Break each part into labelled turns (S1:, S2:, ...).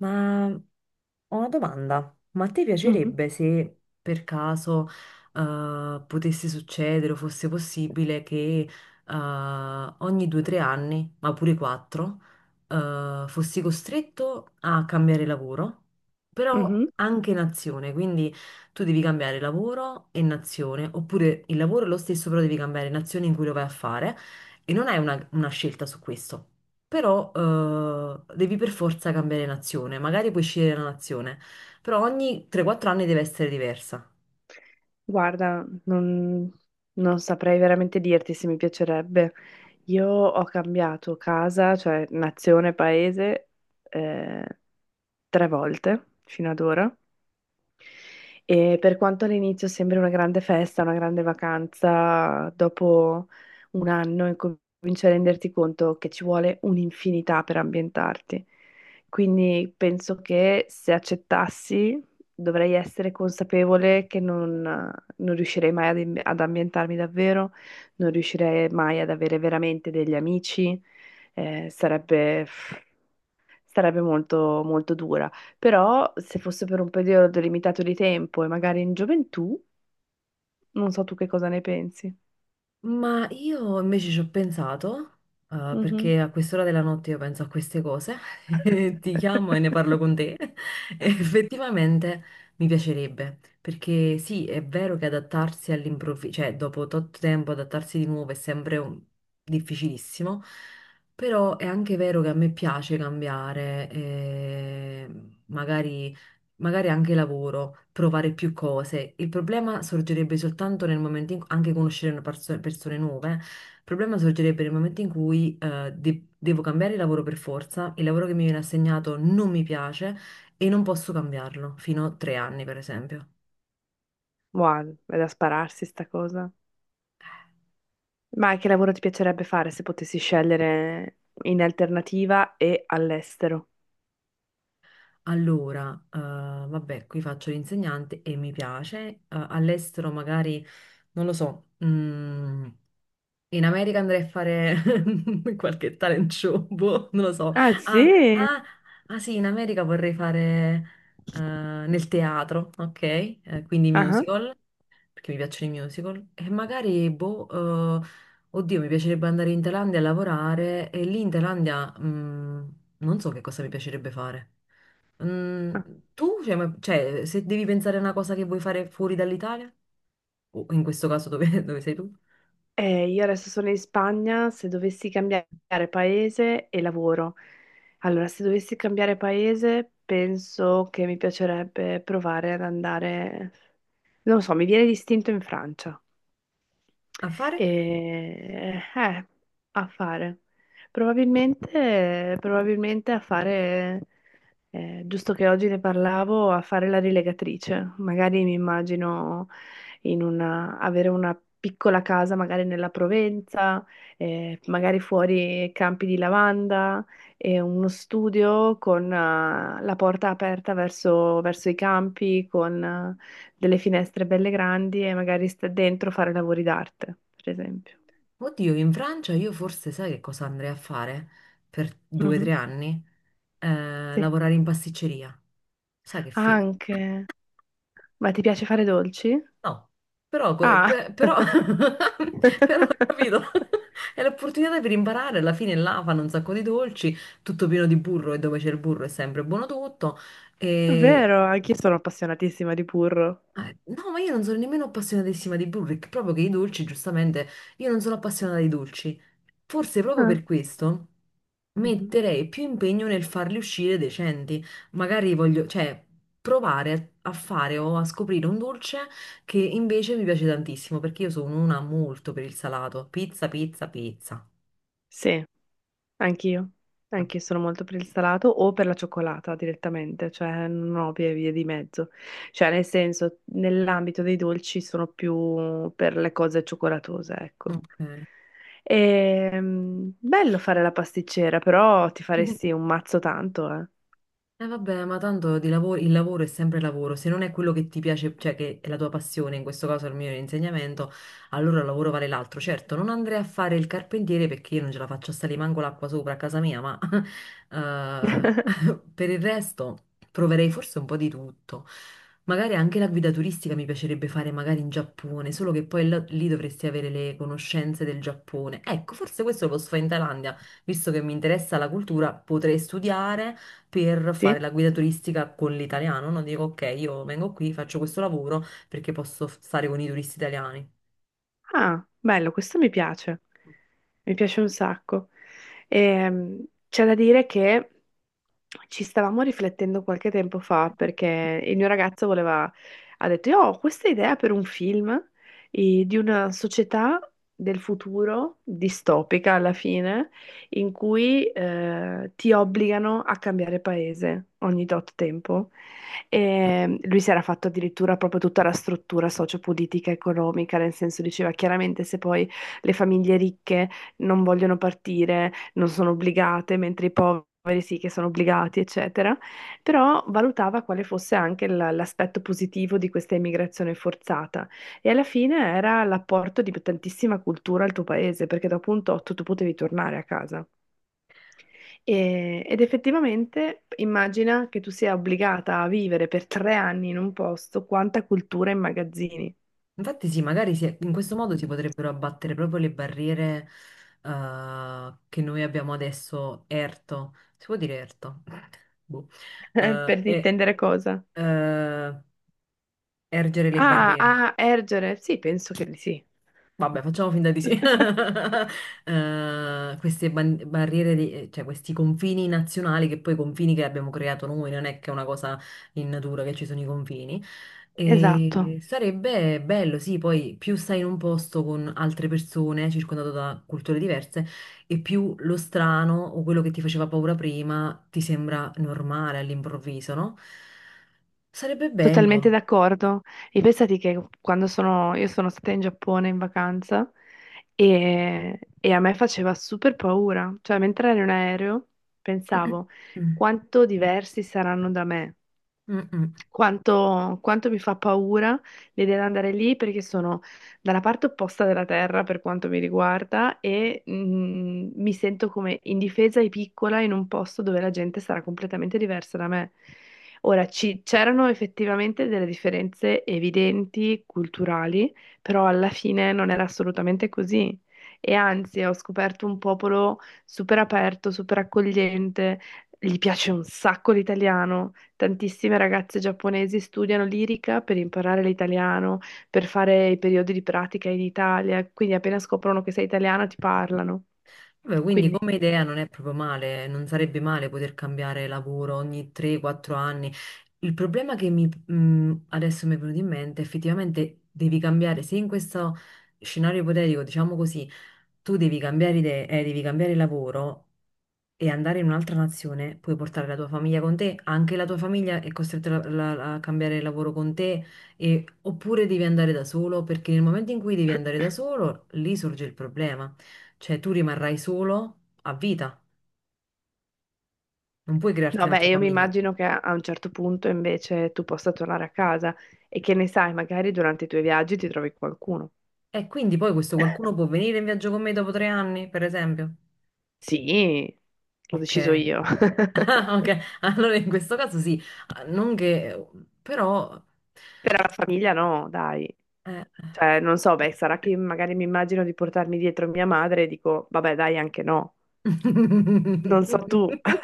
S1: Ma ho una domanda, ma a te
S2: Mhm,
S1: piacerebbe se per caso potesse succedere o fosse possibile che eh, ogni 2 o 3 anni, ma pure quattro, fossi costretto a cambiare lavoro, però
S2: mhm.
S1: anche nazione, quindi tu devi cambiare lavoro e nazione, oppure il lavoro è lo stesso, però devi cambiare nazione in cui lo vai a fare e non hai una scelta su questo. Però devi per forza cambiare nazione, magari puoi scegliere la nazione, però ogni 3-4 anni deve essere diversa.
S2: Guarda, non saprei veramente dirti se mi piacerebbe. Io ho cambiato casa, cioè nazione, paese, eh, 3 volte fino ad ora. E per quanto all'inizio sembri una grande festa, una grande vacanza, dopo un anno incominci a renderti conto che ci vuole un'infinità per ambientarti. Quindi penso che se accettassi dovrei essere consapevole che non riuscirei mai ad ambientarmi davvero, non riuscirei mai ad avere veramente degli amici. Eh, sarebbe sarebbe molto, molto dura. Però se fosse per un periodo limitato di tempo e magari in gioventù, non so tu che cosa ne pensi.
S1: Ma io invece ci ho pensato,
S2: Mhm.
S1: perché a quest'ora della notte io penso a queste cose, e ti chiamo e ne parlo con te. E effettivamente mi piacerebbe, perché sì, è vero che adattarsi all'improvviso, cioè dopo tot tempo adattarsi di nuovo è sempre difficilissimo, però è anche vero che a me piace cambiare, e magari magari anche lavoro, provare più cose. Il problema sorgerebbe soltanto nel momento in cui, anche conoscere una persone nuove, il problema sorgerebbe nel momento in cui devo cambiare lavoro per forza, il lavoro che mi viene assegnato non mi piace e non posso cambiarlo, fino a 3 anni per esempio.
S2: Wow, è da spararsi sta cosa. Ma che lavoro ti piacerebbe fare se potessi scegliere in alternativa e all'estero?
S1: Allora, vabbè, qui faccio l'insegnante e mi piace, all'estero magari, non lo so, in America andrei a fare qualche talent show, boh, non lo so.
S2: Ah,
S1: Ah,
S2: sì?
S1: ah, ah sì, in America vorrei fare nel teatro, ok? Quindi
S2: Ah,
S1: musical, perché mi piacciono i musical. E magari, boh, oddio, mi piacerebbe andare in Thailandia a lavorare e lì in Thailandia non so che cosa mi piacerebbe fare. Mm,
S2: ah.
S1: tu, cioè, cioè, se devi pensare a una cosa che vuoi fare fuori dall'Italia, o in questo caso dove, dove sei tu,
S2: Io adesso sono in Spagna, se dovessi cambiare paese e lavoro. Allora, se dovessi cambiare paese, penso che mi piacerebbe provare ad andare, non lo so, mi viene l'istinto in Francia.
S1: a
S2: E,
S1: fare?
S2: a fare. Probabilmente a fare, giusto che oggi ne parlavo, a fare la rilegatrice. Magari mi immagino in una, avere una piccola casa, magari nella Provenza, magari fuori campi di lavanda e uno studio con, la porta aperta verso i campi, con delle finestre belle grandi e magari sta dentro fare lavori d'arte, per esempio.
S1: Oddio, in Francia io forse sai che cosa andrei a fare per due o
S2: Mhm.
S1: tre anni? Eh,
S2: Sì,
S1: lavorare in pasticceria. Sai che fi...
S2: anche. Ma ti piace fare dolci?
S1: No, però,
S2: Ah,
S1: però, però, capito? È l'opportunità per imparare, alla fine là fanno un sacco di dolci, tutto pieno di burro e dove c'è il burro è sempre buono tutto.
S2: vero, anch'io sono appassionatissima di burro.
S1: No, ma io non sono nemmeno appassionatissima di Burrick, proprio che i dolci, giustamente, io non sono appassionata di dolci. Forse proprio
S2: Ah,
S1: per questo
S2: mhm.
S1: metterei più impegno nel farli uscire decenti. Magari voglio, cioè, provare a fare o a scoprire un dolce che invece mi piace tantissimo, perché io sono una molto per il salato. Pizza, pizza, pizza.
S2: Sì. Anch'io,
S1: Ah,
S2: anch'io sono molto per il salato o per la cioccolata direttamente, cioè non ho vie di mezzo. Cioè, nel senso, nell'ambito dei dolci sono più per le cose cioccolatose, ecco.
S1: ok.
S2: Bello fare la pasticcera, però ti faresti un mazzo tanto, eh.
S1: Vabbè, ma tanto di lavoro, il lavoro è sempre lavoro, se non è quello che ti piace, cioè che è la tua passione, in questo caso il mio insegnamento, allora il lavoro vale l'altro. Certo, non andrei a fare il carpentiere perché io non ce la faccio a salire manco l'acqua sopra a casa mia, ma per il resto proverei forse un po' di tutto. Magari anche la guida turistica mi piacerebbe fare magari in Giappone, solo che poi lì dovresti avere le conoscenze del Giappone. Ecco, forse questo lo posso fare in Thailandia, visto che mi interessa la cultura, potrei studiare per
S2: Sì?
S1: fare la guida turistica con l'italiano, no? Dico, ok, io vengo qui, faccio questo lavoro perché posso stare con i turisti italiani.
S2: Ah, bello, questo mi piace un sacco. C'è da dire che ci stavamo riflettendo qualche tempo fa perché il mio ragazzo voleva, ha detto, io ho questa idea per un film di una società del futuro, distopica alla fine, in cui ti obbligano a cambiare paese ogni tot tempo. E lui si era fatto addirittura proprio tutta la struttura sociopolitica economica, nel senso diceva chiaramente se poi le famiglie ricche non vogliono partire, non sono obbligate, mentre i poveri sì che sono obbligati, eccetera. Però valutava quale fosse anche l'aspetto positivo di questa immigrazione forzata. E alla fine era l'apporto di tantissima cultura al tuo paese, perché dopo un tot tu potevi tornare a casa. Ed effettivamente immagina che tu sia obbligata a vivere per 3 anni in un posto, quanta cultura immagazzini.
S1: Infatti sì, magari in questo modo si potrebbero abbattere proprio le barriere che noi abbiamo adesso, erto, si può dire erto? Boh. Eh,
S2: Per
S1: e
S2: intendere cosa?
S1: eh, ergere le
S2: Ah,
S1: barriere.
S2: a ergere? Sì, penso che di sì.
S1: Vabbè, facciamo finta di sì. Queste barriere, cioè questi confini nazionali, che poi i confini che abbiamo creato noi, non è che è una cosa in natura che ci sono i confini.
S2: Esatto,
S1: E sarebbe bello, sì, poi più stai in un posto con altre persone, circondato da culture diverse, e più lo strano o quello che ti faceva paura prima ti sembra normale all'improvviso, no? Sarebbe
S2: totalmente
S1: bello.
S2: d'accordo. E pensati che quando io sono stata in Giappone in vacanza e a me faceva super paura, cioè mentre ero in aereo pensavo quanto diversi saranno da me.
S1: Mm-mm.
S2: Quanto mi fa paura l'idea di andare lì perché sono dalla parte opposta della terra per quanto mi riguarda e mi sento come indifesa e piccola in un posto dove la gente sarà completamente diversa da me. Ora, c'erano effettivamente delle differenze evidenti, culturali, però alla fine non era assolutamente così. E anzi, ho scoperto un popolo super aperto, super accogliente, gli piace un sacco l'italiano. Tantissime ragazze giapponesi studiano lirica per imparare l'italiano, per fare i periodi di pratica in Italia, quindi appena scoprono che sei italiano ti parlano.
S1: Vabbè, quindi
S2: Quindi,
S1: come idea non è proprio male, non sarebbe male poter cambiare lavoro ogni 3-4 anni. Il problema che mi, adesso mi è venuto in mente, effettivamente devi cambiare, se in questo scenario ipotetico, diciamo così, tu devi cambiare idea, devi cambiare lavoro, e andare in un'altra nazione, puoi portare la tua famiglia con te, anche la tua famiglia è costretta a cambiare lavoro con te, oppure devi andare da solo, perché nel momento in cui devi andare da solo, lì sorge il problema, cioè tu rimarrai solo a vita, non puoi crearti
S2: no, beh,
S1: un'altra
S2: io mi
S1: famiglia.
S2: immagino che a un certo punto invece tu possa tornare a casa e che ne sai, magari durante i tuoi viaggi ti trovi qualcuno.
S1: E quindi poi questo qualcuno può venire in viaggio con me dopo 3 anni, per esempio.
S2: Sì, l'ho
S1: Ok.
S2: deciso io.
S1: Ah, ok, allora in questo caso sì. Ah, non che, però...
S2: Per la famiglia no, dai.
S1: eh,
S2: Cioè, non so, beh, sarà che magari mi immagino di portarmi dietro mia madre e dico, vabbè, dai, anche no. Non so tu.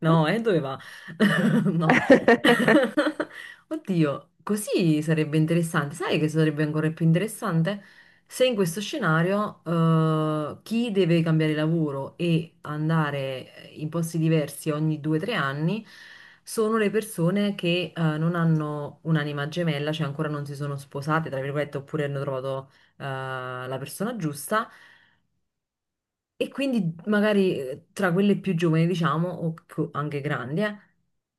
S1: No, dove va? No. Oddio, così sarebbe interessante. Sai che sarebbe ancora più interessante? Se in questo scenario, chi deve cambiare lavoro e andare in posti diversi ogni 2 o 3 anni sono le persone che, non hanno un'anima gemella, cioè ancora non si sono sposate, tra virgolette, oppure hanno trovato, eh, la persona giusta e quindi magari tra quelle più giovani, diciamo, o anche grandi,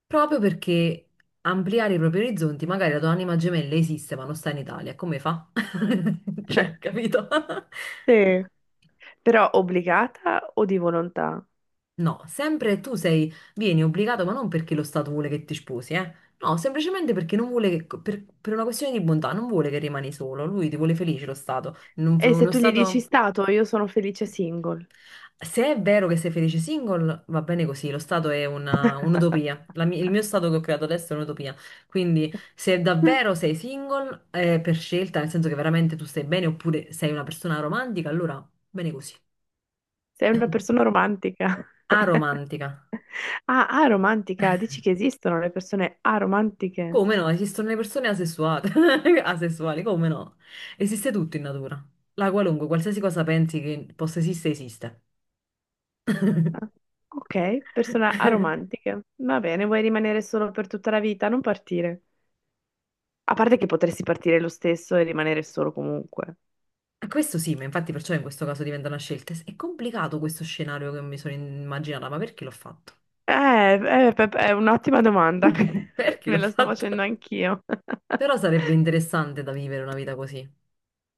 S1: proprio perché ampliare i propri orizzonti, magari la tua anima gemella esiste ma non sta in Italia, come fa? Cioè, capito?
S2: Sì, però obbligata o di volontà?
S1: No, sempre tu sei, vieni obbligato, ma non perché lo Stato vuole che ti sposi, eh? No, semplicemente perché non vuole che, per una questione di bontà, non vuole che rimani solo, lui ti vuole felice lo Stato.
S2: E se
S1: Uno
S2: tu gli dici
S1: Stato...
S2: stato, io sono felice single.
S1: Se è vero che sei felice single, va bene così, lo stato è un'utopia. Il mio stato che ho creato adesso è un'utopia. Quindi, se davvero sei single, è per scelta, nel senso che veramente tu stai bene, oppure sei una persona romantica, allora bene così.
S2: Sei una persona romantica.
S1: Aromantica.
S2: Ah, aromantica, dici che esistono le persone aromantiche?
S1: Come no? Esistono le persone asessuate, asessuali, come no? Esiste tutto in natura. La qualunque, qualsiasi cosa pensi che possa esistere, esiste.
S2: Ah, ok, persone aromantiche. Va bene, vuoi rimanere solo per tutta la vita? Non partire. A parte che potresti partire lo stesso e rimanere solo comunque.
S1: Questo sì, ma infatti perciò in questo caso diventa una scelta. È complicato questo scenario che mi sono immaginata, ma perché l'ho fatto?
S2: È un'ottima domanda,
S1: Perché
S2: me
S1: l'ho
S2: la sto facendo
S1: fatto?
S2: anch'io.
S1: Però sarebbe interessante da vivere una vita così,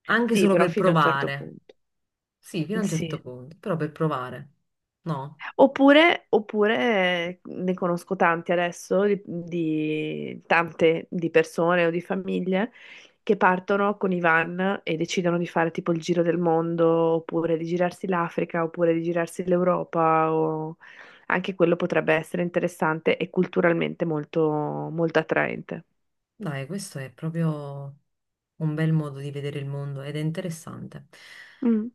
S1: anche
S2: Sì,
S1: solo
S2: però
S1: per
S2: fino a un certo
S1: provare.
S2: punto.
S1: Sì, fino a un certo
S2: Sì.
S1: punto, però per provare. No,
S2: Oppure ne conosco tanti adesso, tante di persone o di famiglie che partono con i van e decidono di fare tipo il giro del mondo, oppure di girarsi l'Africa, oppure di girarsi l'Europa, o anche quello potrebbe essere interessante e culturalmente molto, molto attraente.
S1: dai, questo è proprio un bel modo di vedere il mondo ed è interessante.
S2: Mm.